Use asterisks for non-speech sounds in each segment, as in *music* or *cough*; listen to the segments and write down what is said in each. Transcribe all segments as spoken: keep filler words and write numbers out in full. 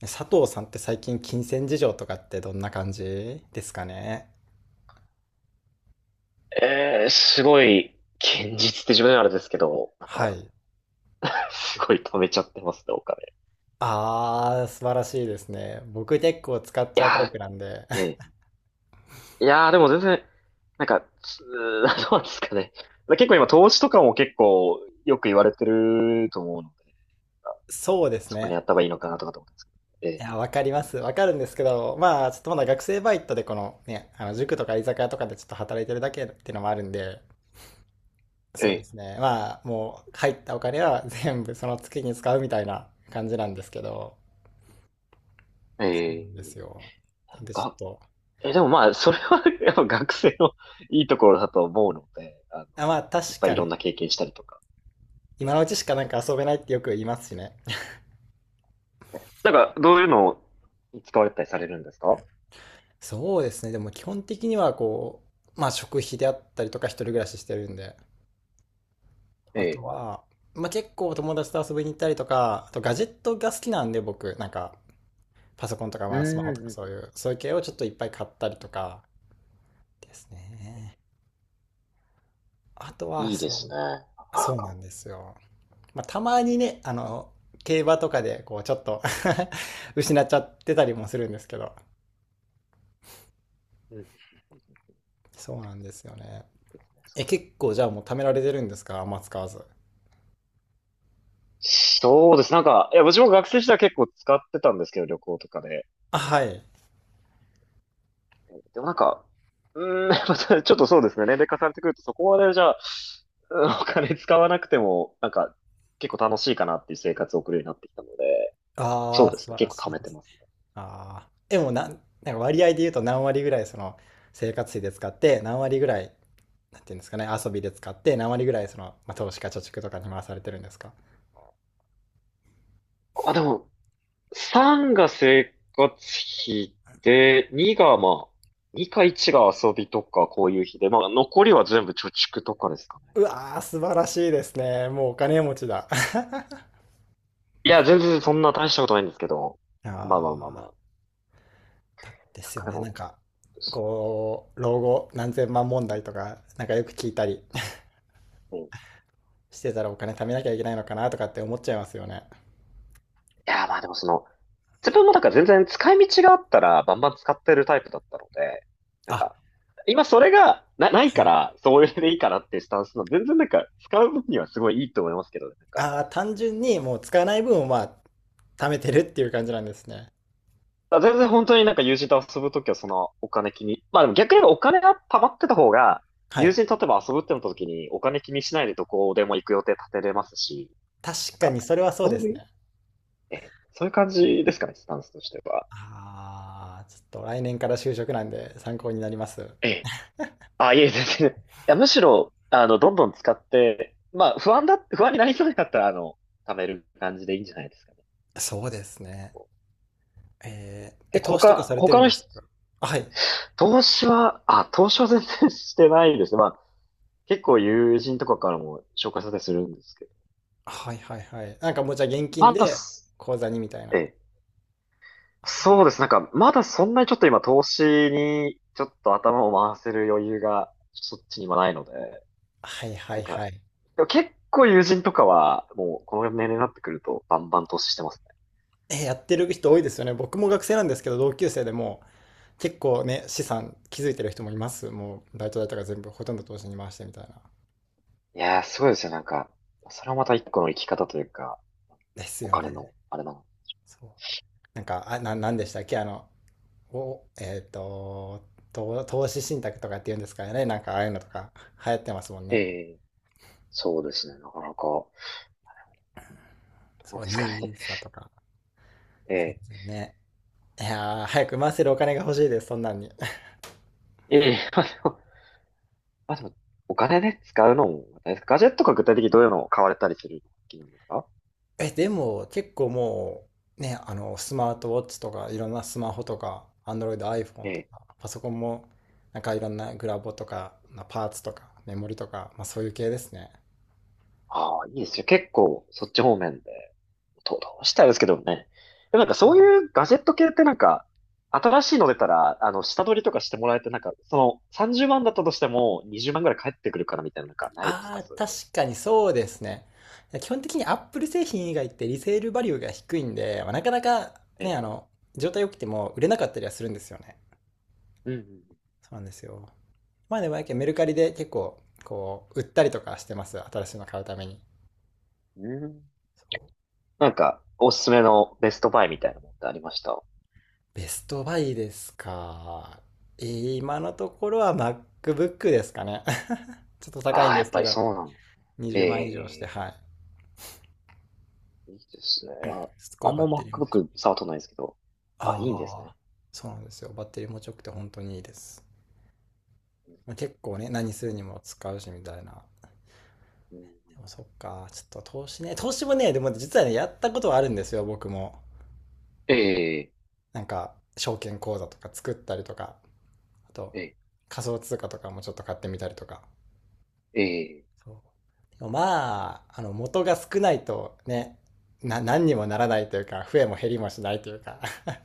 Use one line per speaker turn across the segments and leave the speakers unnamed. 佐藤さんって最近金銭事情とかってどんな感じですかね？
えー、すごい、現実って自分ではあれですけど、なん
は
か、
い。
すごい貯めちゃってますね、お金。
ああ、素晴らしいですね。僕結構使っち
い
ゃうタ
や
イプなんで。
ー。ええ。いやー、でも全然、なんか、つー *laughs* どうなんですかね。結構今、投資とかも結構、よく言われてると思うので、
*laughs* そうです
そこに
ね。
やった方がいいのかなとかと思うんですけど。
い
え
や、わかります。わかるんですけど、まあ、ちょっとまだ学生バイトでこのね、あの塾とか居酒屋とかでちょっと働いてるだけっていうのもあるんで、そ
え、
うですね。まあ、もう入ったお金は *laughs* 全部その月に使うみたいな感じなんですけど、
ええ、え
で
え、
すよ。なんでちょっ
が、
と、
え、でもまあ、それは *laughs* やっぱ学生のいいところだと思うので、あの、
あ、まあ
いっ
確
ぱいい
か
ろ
に、
んな経験したりとか。え
今
え、
のうちしかなんか遊べないってよく言いますしね。
なんか、どういうのを使われたりされるんですか？
そうですね。でも基本的にはこう、まあ食費であったりとか一人暮らししてるんで。
え
あと
え。
は、まあ結構友達と遊びに行ったりとか、あとガジェットが好きなんで僕、なんかパソコンとか
う
まあスマホとか
ん。
そういう、そういう系をちょっといっぱい買ったりとかですね。あとは、
いいで
そ
すね。な
う、
か
そ
な
うな
か。
んですよ。まあたまにね、あの、競馬とかでこうちょっと *laughs* 失っちゃってたりもするんですけど。
うん。
そうなんですよね。え、結構じゃあもう貯められてるんですか？あんま使わず。
そうです。なんか、いや、私も学生時代結構使ってたんですけど、旅行とかで。
あ、はい。
でもなんか、うーん、*laughs* またちょっとそうですね。年齢重ねてくると、そこまでじゃあ、うんお金使わなくても、なんか、結構楽しいかなっていう生活を送るようになってきたので、そ
あ
う
あ、
です
素
ね。
晴ら
結
し
構貯
い
め
で
て
す
ます
ね。
ね。
ああ。でもな、なんか割合で言うと何割ぐらいその生活費で使って、何割ぐらい、なんていうんですかね、遊びで使って、何割ぐらいその、まあ、投資か貯蓄とかに回されてるんですか？
あ、でも、さんが生活費で、にがまあ、にかいちが遊びとかこういう日で、まあ残りは全部貯蓄とかですかね。
うわー、素晴らしいですね。もうお金持ちだ。*laughs*
いや、全然そんな大したことないんですけど、
あ
まあまあまあ
ー
まあ、
だで
なん
す
か
よ
で
ね。な
も、
んか、こう、老後何千万問題とか、なんかよく聞いたり
うんい
*laughs* してたらお金貯めなきゃいけないのかなとかって思っちゃいますよね。
や、まあでもその、自分もなんか全然使い道があったらバンバン使ってるタイプだったので、なん
あ、
か、今それがな、ないから、それでいいかなっていうスタンスの、全然なんか使う分にはすごいいいと思いますけどね、なんか。
あー、単純にもう使わない分をまあ、貯めてるっていう感じなんですね。
あ、全然本当になんか友人と遊ぶときはそのお金気に。まあでも逆に言えばお金が溜まってた方が、
は
友
い。
人と例えば遊ぶってなったときにお金気にしないでどこでも行く予定立てれますし、な
確
ん
か
か、
にそれはそう
そ
で
う
す
いう、
ね。
ええ、そういう感じですかね、スタンスとしては。
ああ、ちょっと来年から就職なんで参考になります。
ええ。あ、いえ、全然。いや、むしろ、あの、どんどん使って、まあ不安だ、不安になりそうだったら、あの、貯める感じでいいんじゃないですかね。
そうです
こ
ね。
う
えー、え、
で、
投資とか
他、
されて
他
るん
の
です
人、
か？はい。
投資は、あ、投資は全然 *laughs* してないですね。まあ、結構友人とかからも紹介されたりするんですけど。
はいはいはい。なんかもうじゃあ現金
まだ
で
す。
口座にみたい
え
な。
え。
あ、
そうです。なんか、まだそんなにちょっと今投資にちょっと頭を回せる余裕がそっちにはないので、
はいは
な
い
んか、
はい。
でも結構友人とかはもうこの年齢になってくるとバンバン投資してますね。
えー、やってる人多いですよね。僕も学生なんですけど、同級生でも結構ね、資産築いてる人もいます。もうバイト代とか全部ほとんど投資に回してみたいな。
いやー、すごいですよ。なんか、それはまたいっこの生き方というか、
です
お
よ
金
ね。
の、あれなの。
そう。なんか、あ、な、なんでしたっけあの、を、えっ、と投、と投資信託とかって言うんですからね。なんかああいうのとか流行ってますもん
え
ね。
え、そうですね。なかなか、ど
そ
う
う、
ですかね。
ニーサとか。
ええ。
全然ね。いやー、早く回せるお金が欲しいです、そんなんに。
ええ、まあでもまあでも、お金で使うのも、ですかガジェットが具体的にどういうのを買われたりするのが好きなんですか？
*laughs* え、でも結構もう、ね、あの、スマートウォッチとか、いろんなスマホとか、Android、iPhone
え
と
え。
か、パソコンも、なんかいろんなグラボとか、パーツとか、メモリとか、まあそういう系ですね。
ああ、いいですよ。結構、そっち方面で、ど、どうしたいですけどね。でもなんかそういうガジェット系ってなんか、新しいの出たら、あの、下取りとかしてもらえて、なんか、その、さんじゅうまんだったとしても、にじゅうまんぐらい返ってくるからみたいな、なんかないですか
ああ、
そういうの？
確かにそうですね。基本的に Apple 製品以外ってリセールバリューが低いんで、まあなかなか
え
ね、
え。
あの、状態良くても売れなかったりはするんですよね。
うん
そうなんですよ。まあでもやけんメルカリで結構、こう、売ったりとかしてます。新しいの買うために。
うんうん。うん
そう、
なんか、おすすめのベストバイみたいなのってありました？
ベストバイですか？えー、今のところは MacBook ですかね。*laughs* ちょっと高
あ
いん
あ、や
です
っぱ
け
り
ど、
そうなんだ。え
にじゅうまん以上して、
え。
はい。
いいですね。
すご
あ、
い
あん
バ
ま
ッテリー持ち。
MacBook 触っとないですけど。あ、いいんです
あ
ね。
あ、そうなんですよ。バッテリー持ちよくて本当にいいです。
うん
まあ、結構ね、何するにも使うしみたいな。で
うんうん。
もそっか、ちょっと投資ね、投資もね、でもね実はね、やったことはあるんですよ、僕も。
ええ、
なんか、証券口座とか作ったりとか、あと、
ええ、
仮想通貨とかもちょっと買ってみたりとか。
ええ。
そう、でもまあ、あの、元が少ないとね、な、何にもならないというか、増えも減りもしないというか、*laughs*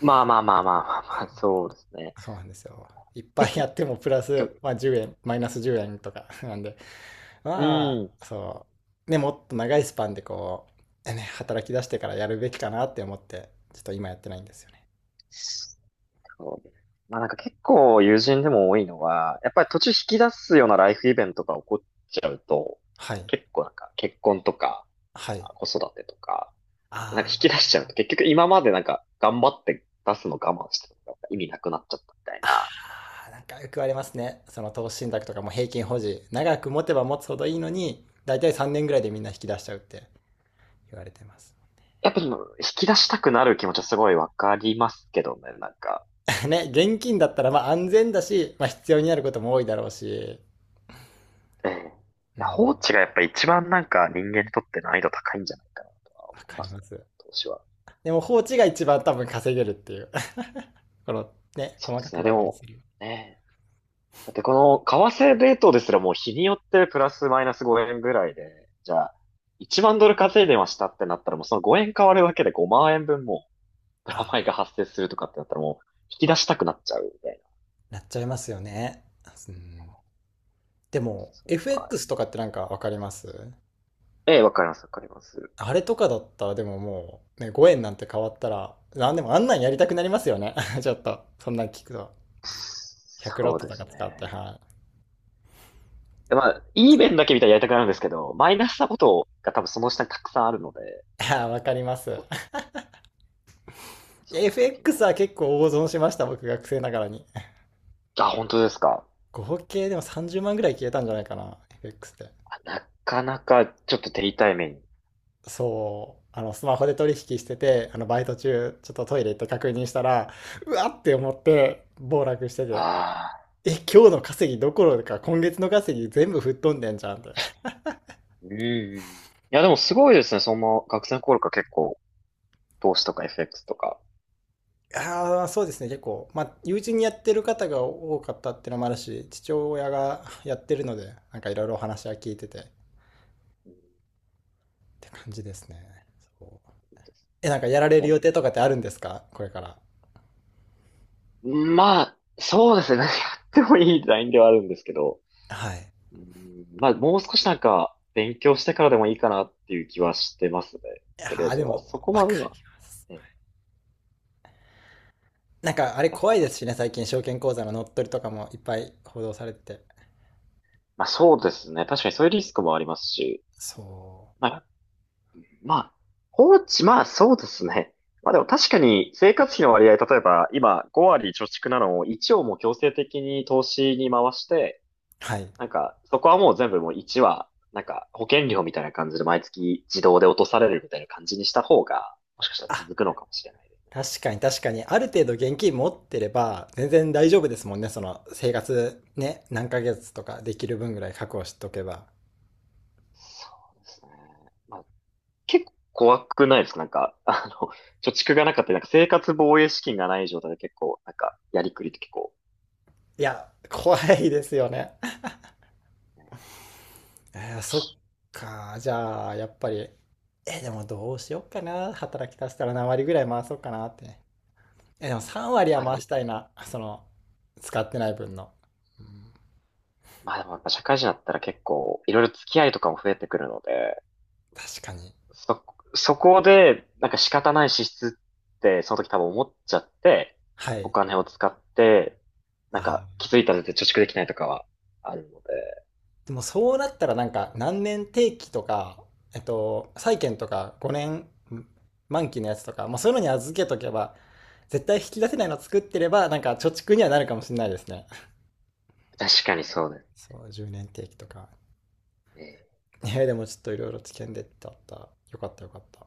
まあまあまあまあまあまあ、そうですね。
そうなんですよ。いっぱい
結
やってもプラス、
局、
まあ、じゅうえん、マイナスじゅうえんとか *laughs* なんで、
う
ま
ん。
あ、そう。ね、もっと長いスパンでこう、ね、働き出してからやるべきかなって思って、ちょっと今やってないんですよね。
そうです。まあなんか結構友人でも多いのは、やっぱり途中引き出すようなライフイベントが起こっちゃうと、
はい。
結構なんか結婚とか
はい。
子育てとか、なんか
あ
引き出しちゃ
あ、
うと結局今までなんか頑張って出すの我慢してたのが意味なくなっちゃったみたい
あ
な。
あ、なんかよく言われますね。その投資信託とかも平均保持。長く持てば持つほどいいのに、だいたいさんねんぐらいでみんな引き出しちゃうって言われてます。
やっぱりもう引き出したくなる気持ちはすごいわかりますけどね、なんか。
*laughs* ね、現金だったらまあ安全だし、まあ必要になることも多いだろうし、
ええ。
う
いや
ん、
放置がやっぱ一番なんか人間にとって難易度高いんじゃないかなとは
わ
思い
か
ま
り
す
ま
ね。
す。
投資は。
でも放置が一番多分稼げるっていう。*laughs* このね、
そう
細
で
か
す
く
ね。
バ
で
イバ
も、
イ。
ねえ。だってこの為替レートですらもう日によってプラスマイナスごえんぐらいで、じゃあいちまんドル稼いでましたってなったらもうそのごえん変わるだけでごまん円分もプラマ
あ、
イが発生するとかってなったらもう引き出したくなっちゃうみたい
なっちゃいますよね。うん、でも、
な。は
エフエックス
い。
とかってなんかわかります？
ええ、わかります、わかります。
あれとかだったらでももう、ね、ごえんなんて変わったら、なんでもあんなんやりたくなりますよね *laughs*。ちょっと、そんなん聞くと。ひゃくロッ
そう
ト
で
とか
す
使って、
ね。
は
でまあ、いい面だけ見たらやりたくなるんですけど、マイナスなことが多分その下にたくさんあるので、なん
い。ああ、
か
わかります *laughs*。
その時
エフエックス
の、
は結構大損しました、僕学生ながらに。
あ、本当ですか？
合計でもさんじゅうまんぐらい消えたんじゃないかな、エフエックス で。
あ、なかなかちょっと手痛い目に。
そう、あの、スマホで取引してて、あの、バイト中、ちょっとトイレ行って確認したら、うわって思って、暴落してて、
ああ、
え、今日の稼ぎどころか、今月の稼ぎ全部吹っ飛んでんじゃんって。
うん、いや、でもすごいですね。その学生の頃から結構、投資とかエフエックスとか。
*laughs* ああ、そうですね、結構。まあ、友人にやってる方が多かったってのもあるし、父親がやってるので、なんかいろいろお話は
う
聞いてて、っ
ん、
て感じですね。そう、
いいです。
え、なんかやられ
じゃ
る
あ、
予定とかってあるんですかこれから？
まあ、そうですね。何やってもいいラインではあるんですけど、
はい。
うん、まあ、もう少しなんか、勉強してからでもいいかなっていう気はしてますね。
いや
とりあえ
ー
ず
で
は。そ
も、
こ
わ
ま
か
で今。
る。
ね、
なんかあれ
やっ
怖い
ぱ
で
り。
すしね、最近証券口座の乗っ取りとかもいっぱい報道されてて。
まあそうですね。確かにそういうリスクもありますし。
そう。
まあ、まあ、放置、まあそうですね。まあでも確かに生活費の割合、例えば今ご割貯蓄なのをいちをもう強制的に投資に回して、
はい。
なんかそこはもう全部もういちは、なんか保険料みたいな感じで毎月自動で落とされるみたいな感じにした方が、もしかしたら
あ、
続くのかもしれないで
確かに確かに、ある程度現金持ってれば、全然大丈夫ですもんね、その生活ね、何ヶ月とかできる分ぐらい確保しとけば。
す。そうですね。まあ結構怖くないですかなんか、あの、*laughs* 貯蓄がなかったり、なんか生活防衛資金がない状態で結構、なんか、やりくりって結構、
いや、怖いですよね。
ね。
*laughs* えー、そっか、じゃあ、やっぱり、え、でもどうしよっかな、働き出したら何割ぐらい回そうかなってね。え、でもさん割
ま
は
あで
回し
も、
たいな、その、使ってない分の。うん、
まあでもやっぱ社会人だったら結構、いろいろ付き合いとかも増えてくるので、
確かに。
そ、そこで、なんか仕方ない支出って、その時多分思っちゃって、
は
お
い。
金を使って、なんか
あ、
気づいたら貯蓄できないとかはあるので、
でもそうなったらなんか何年定期とか、えっと、債券とかごねん満期のやつとか、まあ、そういうのに預けとけば、絶対引き出せないの作ってれば、なんか貯蓄にはなるかもしれないですね。
確かにそうだよ
そう、じゅうねん定期とか。
ね。
いや、でもちょっといろいろ知見でってあった。よかったよかった。